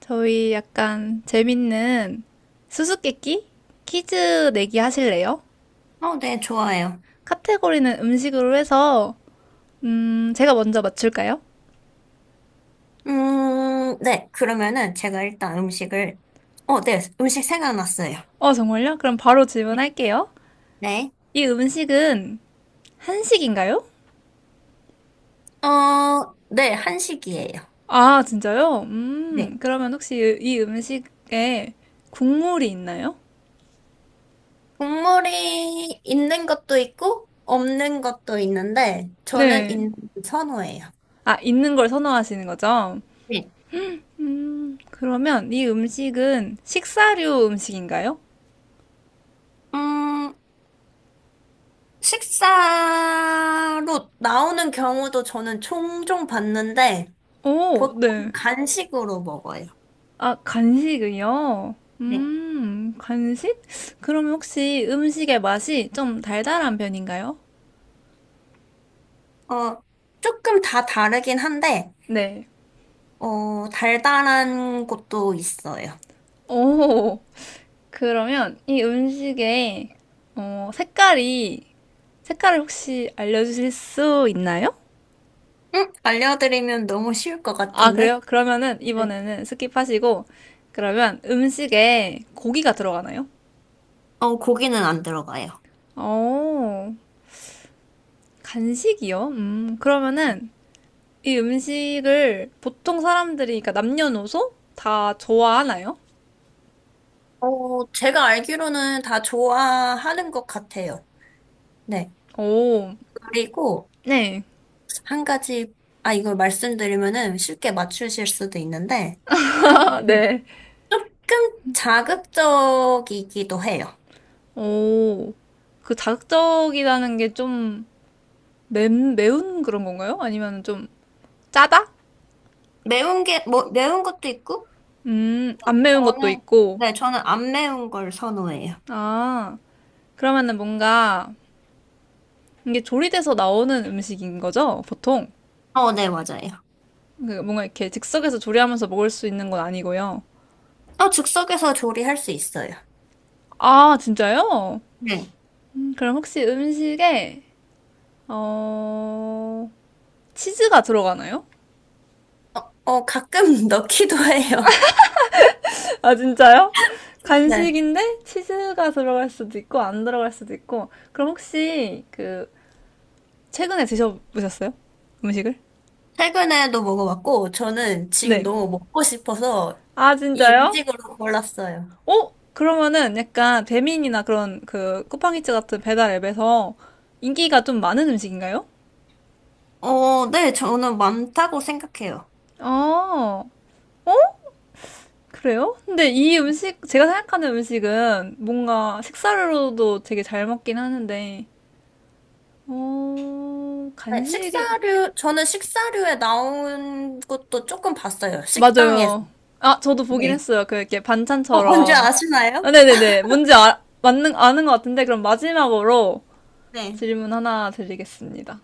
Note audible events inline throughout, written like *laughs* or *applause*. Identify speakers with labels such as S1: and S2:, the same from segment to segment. S1: 저희 약간 재밌는 수수께끼? 퀴즈 내기 하실래요?
S2: 네, 좋아요.
S1: 카테고리는 음식으로 해서, 제가 먼저 맞출까요?
S2: 네, 그러면은 제가 일단 네, 음식 생각났어요.
S1: 어, 정말요? 그럼 바로 질문할게요.
S2: 네.
S1: 이 음식은 한식인가요?
S2: 네, 한식이에요.
S1: 아, 진짜요?
S2: 네.
S1: 그러면 혹시 이 음식에 국물이 있나요?
S2: 국물이 있는 것도 있고, 없는 것도 있는데, 저는
S1: 네.
S2: 있는 걸 선호해요.
S1: 아, 있는 걸 선호하시는 거죠?
S2: 네.
S1: 그러면 이 음식은 식사류 음식인가요?
S2: 음, 식사로 나오는 경우도 저는 종종 봤는데,
S1: 오,
S2: 보통
S1: 네.
S2: 간식으로 먹어요.
S1: 아, 간식이요?
S2: 네.
S1: 간식? 그럼 혹시 음식의 맛이 좀 달달한 편인가요?
S2: 어, 조금 다 다르긴 한데,
S1: 네.
S2: 달달한 것도 있어요.
S1: 오, 그러면 이 음식의 색깔이, 색깔을 혹시 알려주실 수 있나요?
S2: 응? 알려드리면 너무 쉬울 것
S1: 아, 그래요?
S2: 같은데?
S1: 그러면은
S2: 네.
S1: 이번에는 스킵하시고, 그러면 음식에 고기가 들어가나요?
S2: 고기는 안 들어가요.
S1: 오, 간식이요? 그러면은 이 음식을 보통 사람들이, 그러니까 남녀노소 다 좋아하나요?
S2: 제가 알기로는 다 좋아하는 것 같아요. 네.
S1: 오,
S2: 그리고
S1: 네.
S2: 한 가지, 아, 이걸 말씀드리면은 쉽게 맞추실 수도 있는데,
S1: *laughs*
S2: 한,
S1: 아, 네.
S2: 조금 자극적이기도 해요.
S1: 오, 그 자극적이라는 게 좀 매운 그런 건가요? 아니면 좀 짜다?
S2: 매운 게, 뭐, 매운 것도 있고,
S1: 안 매운 것도
S2: 저는,
S1: 있고.
S2: 네, 저는 안 매운 걸 선호해요.
S1: 아, 그러면은 뭔가 이게 조리돼서 나오는 음식인 거죠? 보통?
S2: 네, 맞아요.
S1: 그 뭔가 이렇게 즉석에서 조리하면서 먹을 수 있는 건 아니고요.
S2: 즉석에서 조리할 수 있어요.
S1: 아, 진짜요?
S2: 네.
S1: 그럼 혹시 음식에, 어, 치즈가 들어가나요?
S2: 어, 가끔 *laughs* 넣기도 해요.
S1: *laughs* 아, 진짜요?
S2: 네.
S1: 간식인데 치즈가 들어갈 수도 있고 안 들어갈 수도 있고. 그럼 혹시 그 최근에 드셔보셨어요? 음식을?
S2: 최근에도 먹어봤고, 저는 지금
S1: 네.
S2: 너무 먹고 싶어서
S1: 아,
S2: 이
S1: 진짜요?
S2: 음식으로 골랐어요.
S1: 어? 그러면은 약간 배민이나 그런 그 쿠팡이츠 같은 배달 앱에서 인기가 좀 많은 음식인가요?
S2: 네, 저는 많다고 생각해요.
S1: 아, 그래요? 근데 이 음식, 제가 생각하는 음식은 뭔가 식사로도 되게 잘 먹긴 하는데, 어,
S2: 네,
S1: 간식,
S2: 저는 식사류에 나온 것도 조금 봤어요. 식당에서.
S1: 맞아요. 아, 저도 보긴
S2: 네.
S1: 했어요. 그 이렇게
S2: 어, 뭔지
S1: 반찬처럼. 아,
S2: 아시나요?
S1: 네네네. 뭔지 아, 맞는, 아는 것 같은데, 그럼 마지막으로
S2: 네.
S1: 질문 하나 드리겠습니다.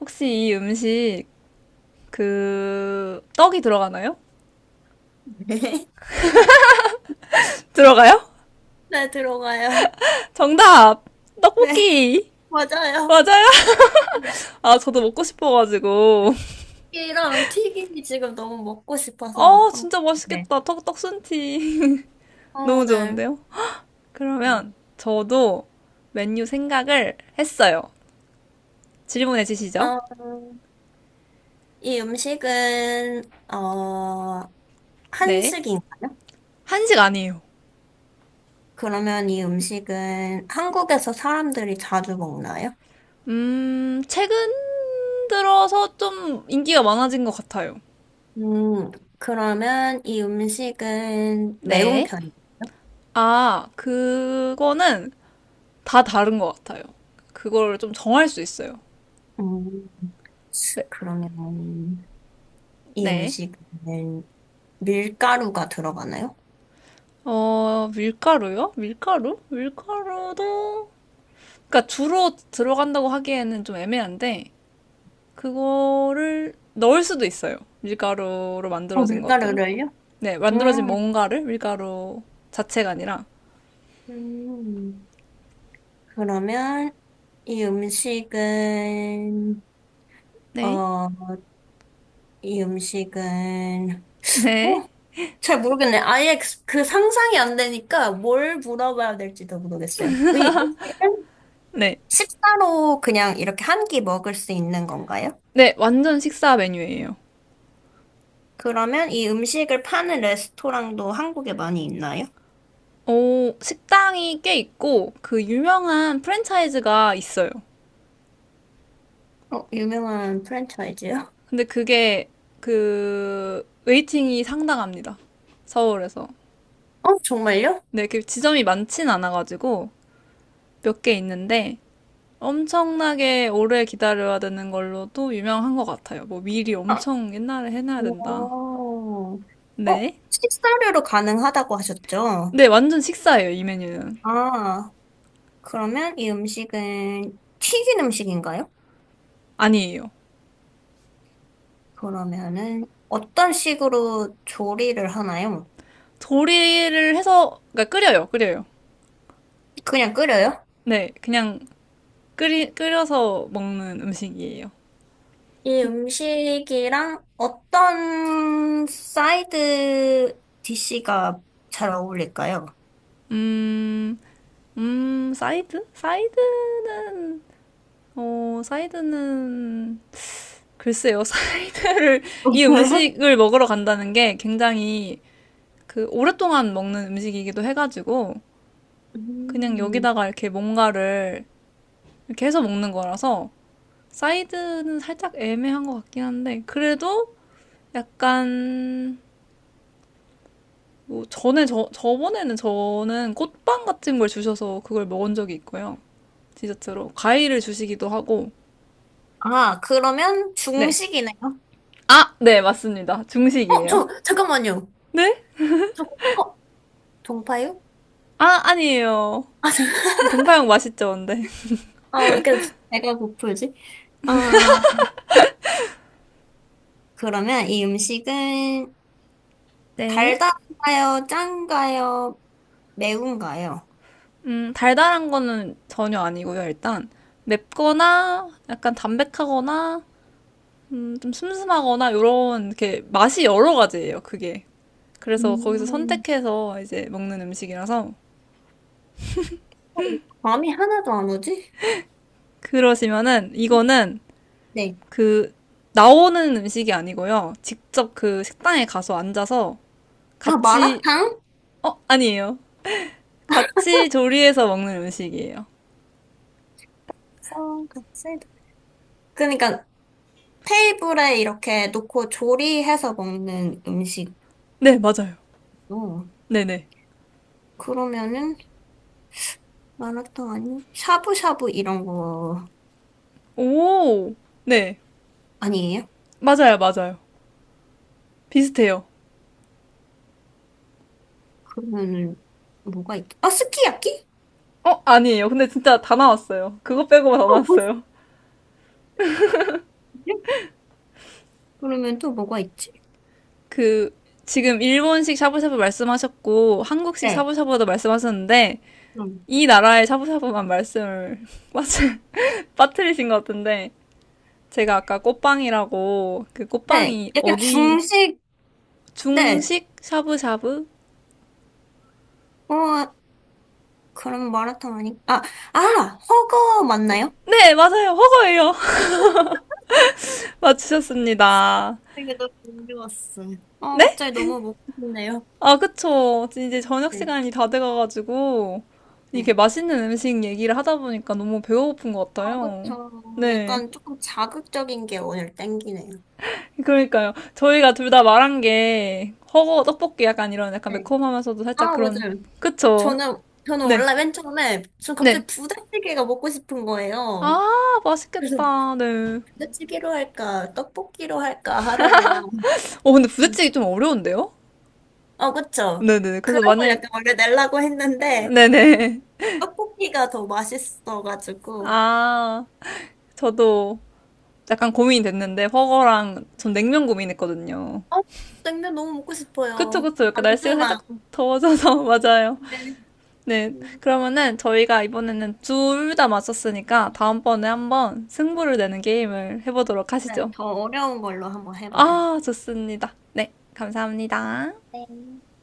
S1: 혹시 이 음식, 그, 떡이 들어가나요?
S2: *laughs* 네.
S1: *laughs* 들어가요?
S2: 네, 들어가요.
S1: *laughs* 정답!
S2: 네,
S1: 떡볶이!
S2: 맞아요.
S1: 맞아요?
S2: 네.
S1: 아, 저도 먹고 싶어가지고.
S2: 이랑 튀김이 지금 너무 먹고
S1: *laughs*
S2: 싶어서
S1: 어,
S2: 한
S1: 진짜
S2: 네.
S1: 맛있겠다. 떡, 떡순티. *laughs*
S2: 어,
S1: 너무
S2: 네.
S1: 좋은데요?
S2: 네.
S1: 그러면 저도 메뉴 생각을 했어요. 질문해 주시죠.
S2: 어, 이 음식은, 어,
S1: 네.
S2: 한식인가요?
S1: 한식 아니에요.
S2: 그러면 이 음식은 한국에서 사람들이 자주 먹나요?
S1: 최근 들어서 좀 인기가 많아진 것 같아요.
S2: 음, 그러면 이 음식은 매운
S1: 네.
S2: 편이에요.
S1: 아, 그거는 다 다른 것 같아요. 그거를 좀 정할 수 있어요.
S2: 음, 그러면 이
S1: 네.
S2: 음식은 밀가루가 들어가나요?
S1: 어, 밀가루요? 밀가루? 밀가루도, 그러니까 주로 들어간다고 하기에는 좀 애매한데, 그거를 넣을 수도 있어요. 밀가루로
S2: 어,
S1: 만들어진 것들을.
S2: 밀가루를요?
S1: 네, 만들어진
S2: 음,
S1: 뭔가를 밀가루 자체가 아니라.
S2: 음, 그러면 이 음식은,
S1: 네.
S2: 어, 이 음식은 어,
S1: 네,
S2: 잘 모르겠네. 그 상상이 안 되니까 뭘 물어봐야 될지도 모르겠어요. 이 음식은
S1: 네.
S2: 식사로 그냥 이렇게 한끼 먹을 수 있는 건가요?
S1: 네, 완전 식사 메뉴예요.
S2: 그러면 이 음식을 파는 레스토랑도 한국에 많이 있나요?
S1: 어, 식당이 꽤 있고, 그 유명한 프랜차이즈가 있어요.
S2: 어, 유명한 프랜차이즈요?
S1: 근데 그게, 웨이팅이 상당합니다. 서울에서.
S2: 어, 정말요?
S1: 네, 그 지점이 많진 않아가지고, 몇 개 있는데, 엄청나게 오래 기다려야 되는 걸로도 유명한 것 같아요. 뭐, 미리
S2: 아,
S1: 엄청 옛날에 해놔야 된다.
S2: 오. 어,
S1: 네.
S2: 식사료로 가능하다고 하셨죠?
S1: 네, 완전 식사예요, 이 메뉴는.
S2: 아, 그러면 이 음식은 튀긴 음식인가요?
S1: 아니에요.
S2: 그러면은 어떤 식으로 조리를 하나요?
S1: 조리를 해서, 그러니까 끓여요.
S2: 그냥 끓여요?
S1: 네, 그냥 끓여서 먹는 음식이에요.
S2: 이 음식이랑 어떤 사이드 디시가 잘 어울릴까요?
S1: 음, 사이드? 사이드는, 어, 사이드는, 글쎄요, *laughs* 사이드를, 이
S2: 맞아요?
S1: 음식을 먹으러 간다는 게 굉장히 그 오랫동안 먹는 음식이기도 해가지고, 그냥
S2: 음.
S1: 여기다가 이렇게 뭔가를 이렇게 해서 먹는 거라서, 사이드는 살짝 애매한 것 같긴 한데, 그래도 약간, 뭐 전에 저번에는 저는 꽃빵 같은 걸 주셔서 그걸 먹은 적이 있고요. 디저트로 과일을 주시기도 하고.
S2: 아, 그러면
S1: 네.
S2: 중식이네요.
S1: 아, 네, 맞습니다. 중식이에요.
S2: 잠깐만요.
S1: 네?
S2: 저, 어, 동파요?
S1: 아, 아니에요.
S2: 아, 잠-
S1: 동파육 맛있죠, 근데.
S2: 아, 왜 이렇게 배가 고프지? 아, 그러면 이 음식은
S1: 네.
S2: 달달한가요? 짠가요? 매운가요?
S1: 달달한 거는 전혀 아니고요, 일단. 맵거나 약간 담백하거나 좀 슴슴하거나 요런 이렇게 맛이 여러 가지예요, 그게. 그래서 거기서
S2: 음,
S1: 선택해서 이제 먹는 음식이라서
S2: 어, 감이 하나도 안 오지?
S1: 그러시면은 이거는
S2: 네.
S1: 그 나오는 음식이 아니고요. 직접 그 식당에 가서 앉아서
S2: 아,
S1: 같이
S2: 마라탕?
S1: 어, 아니에요. 같이 조리해서 먹는 음식이에요.
S2: 쌀 그러니까 테이블에 이렇게 놓고 조리해서 먹는 음식.
S1: 네, 맞아요.
S2: 어,
S1: 네네.
S2: 그러면은 마라탕 아니면 샤브샤브 이런 거
S1: 오, 네.
S2: 아니에요?
S1: 맞아요, 맞아요. 비슷해요.
S2: 그러면은 뭐가 있지? 아, 스키야키?
S1: 어, 아니에요. 근데 진짜 다 나왔어요. 그거 빼고 다
S2: 어, 뭐지?
S1: 나왔어요.
S2: 그러면 또 뭐가 있지?
S1: 그, 지금 일본식 샤브샤브 말씀하셨고, 한국식
S2: 네.
S1: 샤브샤브도 말씀하셨는데,
S2: 음.
S1: 이 나라의 샤브샤브만 말씀을 *laughs* 빠트, 빠뜨리신 것 같은데, 제가 아까 꽃빵이라고 그
S2: 네.
S1: 꽃빵이
S2: 약간
S1: 어디
S2: 중식. 네.
S1: 중식 샤브샤브?
S2: 어, 그럼 마라탕 아니? 아, 아, 허거 맞나요?
S1: 네, 맞아요. 허거예요. *laughs* 맞추셨습니다.
S2: 이게 너무 궁금했어. 아 갑자기 너무 먹고 싶네요.
S1: 아, 그쵸. 이제 저녁
S2: 네.
S1: 시간이 다 돼가가지고 이게
S2: 네.
S1: 맛있는 음식 얘기를 하다 보니까 너무 배가 고픈 것
S2: 어,
S1: 같아요.
S2: 그쵸.
S1: 네.
S2: 약간 조금 자극적인 게 오늘 땡기네요.
S1: 그러니까요. 저희가 둘 다 말한 게 허거 떡볶이 약간 이런 약간
S2: 네.
S1: 매콤하면서도 살짝
S2: 아,
S1: 그런
S2: 맞아요.
S1: 그쵸.
S2: 저는
S1: 네.
S2: 원래 맨 처음에, 전
S1: 네.
S2: 갑자기 부대찌개가 먹고 싶은 거예요.
S1: 아,
S2: 그래서
S1: 맛있겠다. 네.
S2: 부대찌개로 할까, 떡볶이로 할까 하다가,
S1: 어, 근데
S2: 음.
S1: 부대찌개 좀 어려운데요?
S2: 어, 그쵸.
S1: 네네. 그래서
S2: 그래서
S1: 만약,
S2: 약간 원래 내려고 했는데,
S1: 네네.
S2: 떡볶이가 더 맛있어가지고,
S1: 아, 저도 약간 고민이 됐는데, 버거랑 전 냉면 고민했거든요.
S2: 어, 냉면 너무 먹고
S1: 그쵸,
S2: 싶어요.
S1: 그쵸. 약간 날씨가 살짝
S2: 만두랑.
S1: 더워져서, *laughs* 맞아요.
S2: 네.
S1: 네.
S2: 음.
S1: 그러면은 저희가 이번에는 둘 다 맞췄으니까, 다음번에 한번 승부를 내는 게임을 해보도록
S2: 네,
S1: 하시죠.
S2: 더 어려운 걸로 한번 해봐요.
S1: 아, 좋습니다. 네. 감사합니다.
S2: 네.